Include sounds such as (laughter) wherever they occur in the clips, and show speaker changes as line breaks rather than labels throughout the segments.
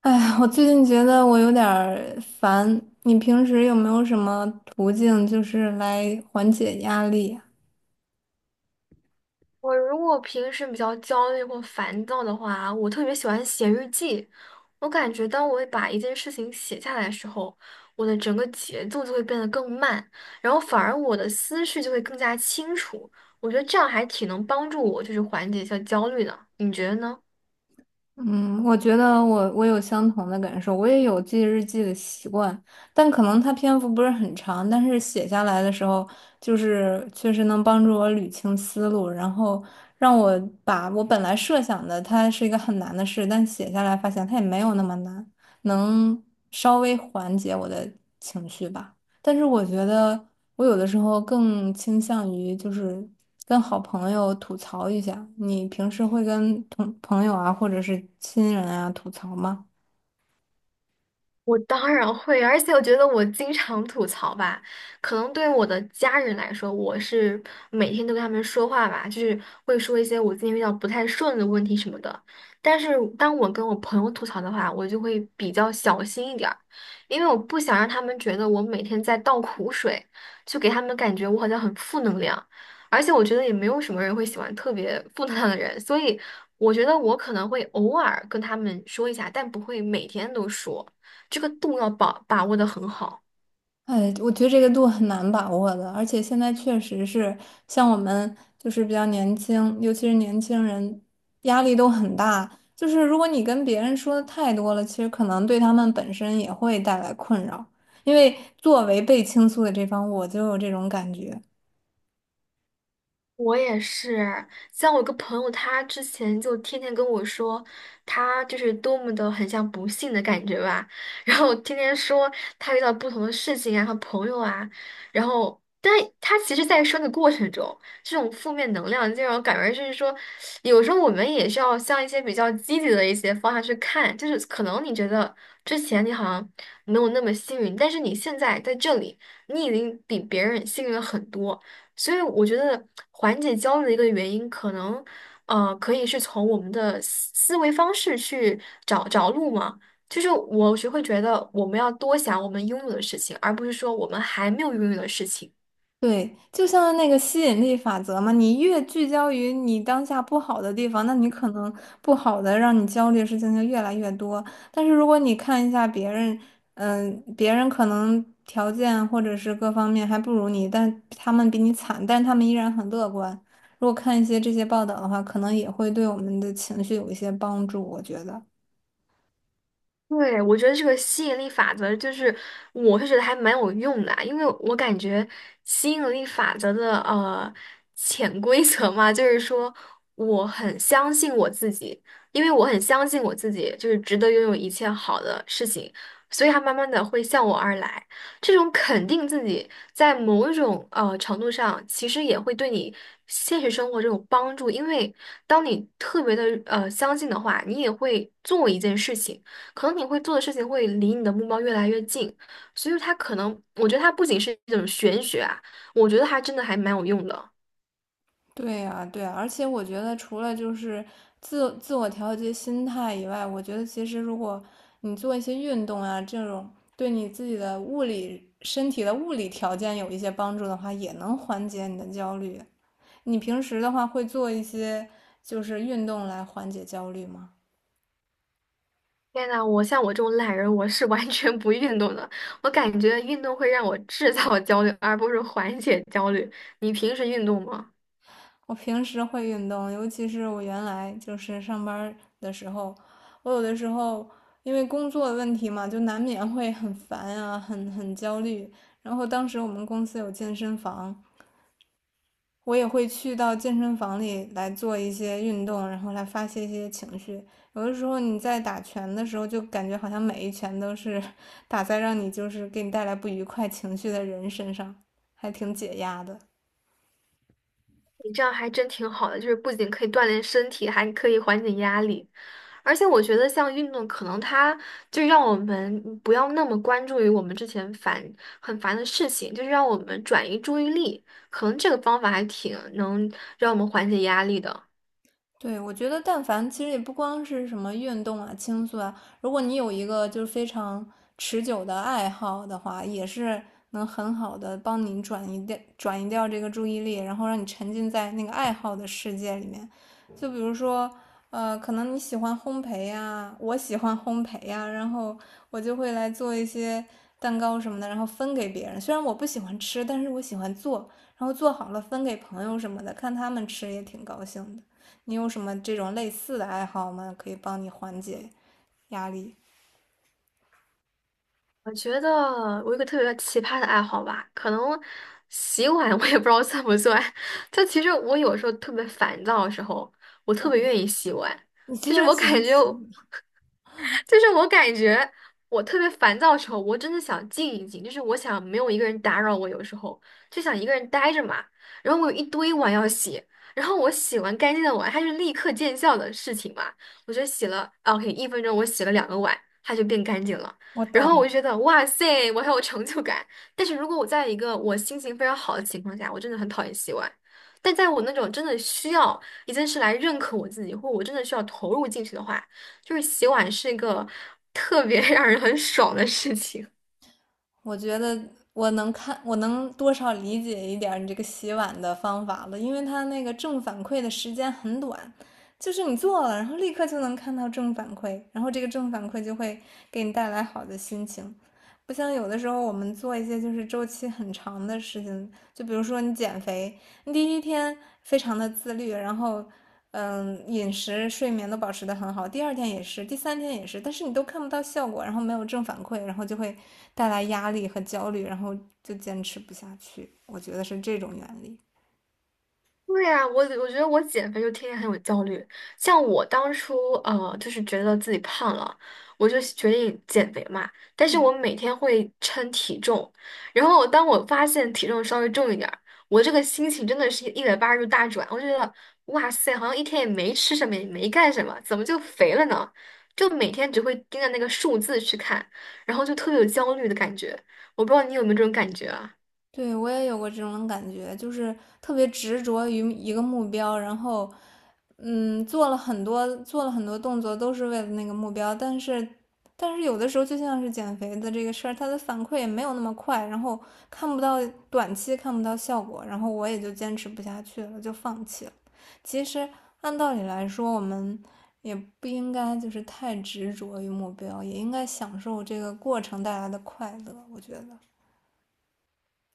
哎，我最近觉得我有点儿烦，你平时有没有什么途径就是来缓解压力呀。
我如果平时比较焦虑或烦躁的话，我特别喜欢写日记。我感觉当我把一件事情写下来的时候，我的整个节奏就会变得更慢，然后反而我的思绪就会更加清楚。我觉得这样还挺能帮助我，就是缓解一下焦虑的。你觉得呢？
嗯，我觉得我有相同的感受，我也有记日记的习惯，但可能它篇幅不是很长，但是写下来的时候，就是确实能帮助我捋清思路，然后让我把我本来设想的它是一个很难的事，但写下来发现它也没有那么难，能稍微缓解我的情绪吧。但是我觉得。我有的时候更倾向于就是跟好朋友吐槽一下。你平时会跟同朋友啊，或者是亲人啊吐槽吗？
我当然会，而且我觉得我经常吐槽吧，可能对我的家人来说，我是每天都跟他们说话吧，就是会说一些我最近遇到不太顺的问题什么的。但是当我跟我朋友吐槽的话，我就会比较小心一点儿，因为我不想让他们觉得我每天在倒苦水，就给他们感觉我好像很负能量。而且我觉得也没有什么人会喜欢特别负能量的人，所以我觉得我可能会偶尔跟他们说一下，但不会每天都说。这个度要把握的很好。
哎，我觉得这个度很难把握的，而且现在确实是像我们就是比较年轻，尤其是年轻人，压力都很大。就是如果你跟别人说的太多了，其实可能对他们本身也会带来困扰。因为作为被倾诉的这方，我就有这种感觉。
我也是，像我一个朋友，他之前就天天跟我说，他就是多么的很像不幸的感觉吧，然后天天说他遇到不同的事情啊和朋友啊，然后，但他其实，在说的过程中，这种负面能量就让我感觉就是说，有时候我们也是要向一些比较积极的一些方向去看，就是可能你觉得之前你好像没有那么幸运，但是你现在在这里，你已经比别人幸运了很多。所以我觉得缓解焦虑的一个原因，可能可以是从我们的思维方式去找找路嘛。就是我是会觉得我们要多想我们拥有的事情，而不是说我们还没有拥有的事情。
对，就像那个吸引力法则嘛，你越聚焦于你当下不好的地方，那你可能不好的让你焦虑的事情就越来越多。但是如果你看一下别人，别人可能条件或者是各方面还不如你，但他们比你惨，但他们依然很乐观。如果看一些这些报道的话，可能也会对我们的情绪有一些帮助，我觉得。
对，我觉得这个吸引力法则就是，我是觉得还蛮有用的啊因为我感觉吸引力法则的潜规则嘛，就是说我很相信我自己，因为我很相信我自己就是值得拥有一切好的事情，所以它慢慢的会向我而来。这种肯定自己在某种程度上，其实也会对你现实生活这种帮助，因为当你特别的相信的话，你也会做一件事情。可能你会做的事情会离你的目标越来越近，所以它可能，我觉得它不仅是一种玄学啊，我觉得它真的还蛮有用的。
对呀，对呀，而且我觉得除了就是自我调节心态以外，我觉得其实如果你做一些运动啊，这种对你自己的物理身体的物理条件有一些帮助的话，也能缓解你的焦虑。你平时的话会做一些就是运动来缓解焦虑吗？
天呐，我像我这种懒人，我是完全不运动的。我感觉运动会让我制造焦虑，而不是缓解焦虑。你平时运动吗？
我平时会运动，尤其是我原来就是上班儿的时候，我有的时候因为工作的问题嘛，就难免会很烦啊，很焦虑。然后当时我们公司有健身房，我也会去到健身房里来做一些运动，然后来发泄一些情绪。有的时候你在打拳的时候，就感觉好像每一拳都是打在让你就是给你带来不愉快情绪的人身上，还挺解压的。
你这样还真挺好的，就是不仅可以锻炼身体，还可以缓解压力。而且我觉得，像运动，可能它就让我们不要那么关注于我们之前很烦的事情，就是让我们转移注意力。可能这个方法还挺能让我们缓解压力的。
对，我觉得但凡其实也不光是什么运动啊、倾诉啊，如果你有一个就是非常持久的爱好的话，也是能很好的帮你转移掉这个注意力，然后让你沉浸在那个爱好的世界里面。就比如说，可能你喜欢烘焙呀，我喜欢烘焙呀，然后我就会来做一些蛋糕什么的，然后分给别人。虽然我不喜欢吃，但是我喜欢做，然后做好了分给朋友什么的，看他们吃也挺高兴的。你有什么这种类似的爱好吗？可以帮你缓解压力。
我觉得我有一个特别奇葩的爱好吧，可能洗碗 (laughs) 我也不知道算不算。(laughs) 就其实我有时候特别烦躁的时候，我特别愿意洗碗。
你居
就是
然
我
喜
感
欢
觉
洗碗，
就是我感觉我特别烦躁的时候，我真的想静一静，就是我想没有一个人打扰我，有时候就想一个人待着嘛。然后我有一堆碗要洗，然后我洗完干净的碗，它是立刻见效的事情嘛。我就洗了啊，OK，1分钟我洗了两个碗，它就变干净了。
我
然
懂
后
了。
我就觉得哇塞，我很有成就感。但是如果我在一个我心情非常好的情况下，我真的很讨厌洗碗。但在我那种真的需要一件事来认可我自己，或我真的需要投入进去的话。就是洗碗是一个特别 (laughs) 让人很爽的事情。
我觉得我能看，我能多少理解一点儿你这个洗碗的方法了，因为它那个正反馈的时间很短，就是你做了，然后立刻就能看到正反馈，然后这个正反馈就会给你带来好的心情。不像有的时候我们做一些就是周期很长的事情，就比如说你减肥，你第一天非常的自律，然后饮食、睡眠都保持得很好，第二天也是，第三天也是，但是你都看不到效果，然后没有正反馈，然后就会带来压力和焦虑，然后就坚持不下去。我觉得是这种原理。
对呀，我觉得我减肥就天天很有焦虑。像我当初就是觉得自己胖了，我就决定减肥嘛。但是
嗯，
我每天会称体重，然后当我发现体重稍微重一点儿，我这个心情真的是180度大转。我就觉得哇塞，好像一天也没吃什么，也没干什么，怎么就肥了呢？就每天只会盯着那个数字去看，然后就特别有焦虑的感觉。我不知道你有没有这种感觉啊？
对，我也有过这种感觉，就是特别执着于一个目标，然后做了很多动作，都是为了那个目标，但是有的时候就像是减肥的这个事儿，它的反馈也没有那么快，然后看不到短期看不到效果，然后我也就坚持不下去了，就放弃了。其实按道理来说，我们也不应该就是太执着于目标，也应该享受这个过程带来的快乐，我觉得。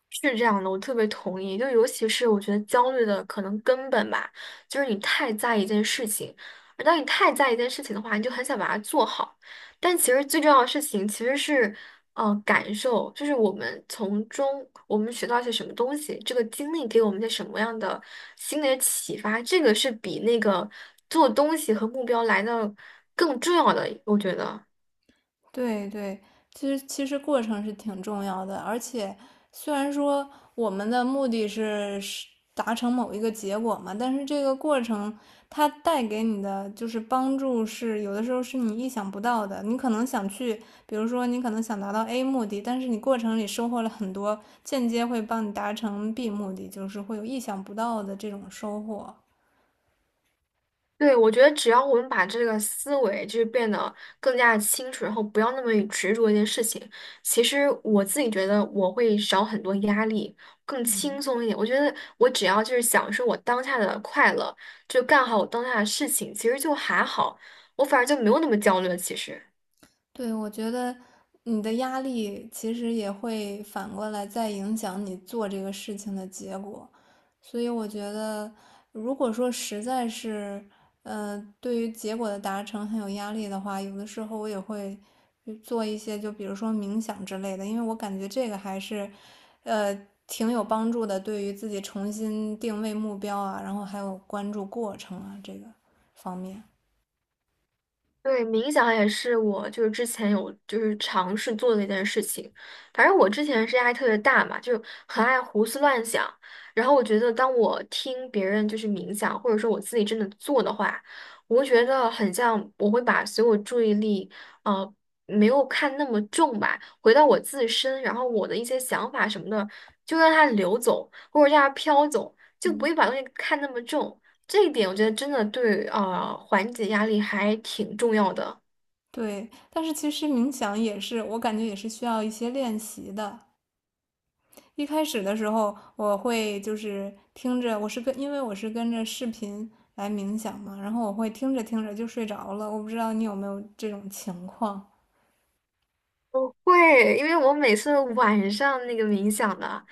是这样的，我特别同意。就尤其是我觉得焦虑的可能根本吧，就是你太在意一件事情，而当你太在意一件事情的话，你就很想把它做好。但其实最重要的事情其实是，感受，就是我们学到一些什么东西，这个经历给我们一些什么样的心理的启发，这个是比那个做东西和目标来的更重要的，我觉得。
对对，其实过程是挺重要的，而且虽然说我们的目的是达成某一个结果嘛，但是这个过程它带给你的就是帮助是有的时候是你意想不到的。你可能想去，比如说你可能想达到 A 目的，但是你过程里收获了很多间接会帮你达成 B 目的，就是会有意想不到的这种收获。
对，我觉得只要我们把这个思维就是变得更加清楚，然后不要那么执着一件事情，其实我自己觉得我会少很多压力，更轻松一点。我觉得我只要就是享受我当下的快乐，就干好我当下的事情，其实就还好，我反而就没有那么焦虑了。其实。
对，我觉得你的压力其实也会反过来再影响你做这个事情的结果，所以我觉得，如果说实在是，对于结果的达成很有压力的话，有的时候我也会去做一些，就比如说冥想之类的，因为我感觉这个还是，呃，挺有帮助的，对于自己重新定位目标啊，然后还有关注过程啊，这个方面。
对，冥想也是我就是之前有就是尝试做的一件事情。反正我之前是压力特别大嘛，就很爱胡思乱想。然后我觉得，当我听别人就是冥想，或者说我自己真的做的话，我会觉得很像我会把所有注意力，呃，没有看那么重吧，回到我自身，然后我的一些想法什么的，就让它流走，或者让它飘走，就不会
嗯
把东西看那么重。这一点我觉得真的对啊，缓解压力还挺重要的。
对，但是其实冥想也是，我感觉也是需要一些练习的。一开始的时候，我会就是听着，我是跟，因为我是跟着视频来冥想嘛，然后我会听着听着就睡着了。我不知道你有没有这种情况？
我会，因为我每次晚上那个冥想的，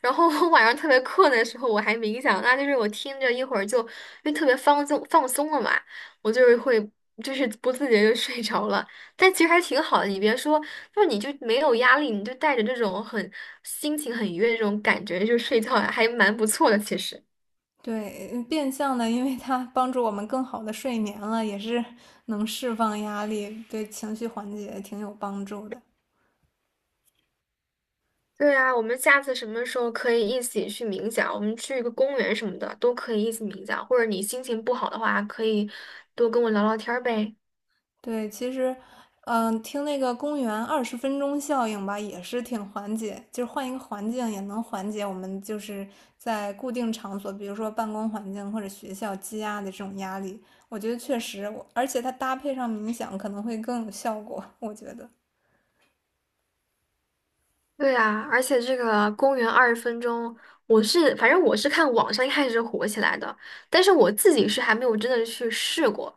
然后我晚上特别困的时候，我还冥想，那就是我听着一会儿就，因为特别放松放松了嘛，我就是会不自觉就睡着了。但其实还挺好的，你别说，就是你就没有压力，你就带着这种心情很愉悦的这种感觉就睡觉，还蛮不错的，其实。
对，变相的，因为它帮助我们更好的睡眠了，也是能释放压力，对情绪缓解挺有帮助的。
对呀，我们下次什么时候可以一起去冥想？我们去一个公园什么的都可以一起冥想，或者你心情不好的话，可以多跟我聊聊天儿呗。
对，其实，听那个公园20分钟效应吧，也是挺缓解，就是换一个环境也能缓解我们就是在固定场所，比如说办公环境或者学校积压的这种压力。我觉得确实我，而且它搭配上冥想可能会更有效果，我觉得。
对啊，而且这个公园20分钟，我是反正我是看网上一开始火起来的，但是我自己是还没有真的去试过。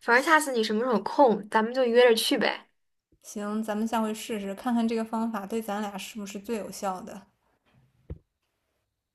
反正下次你什么时候有空，咱们就约着去呗。
行，咱们下回试试，看看这个方法对咱俩是不是最有效的。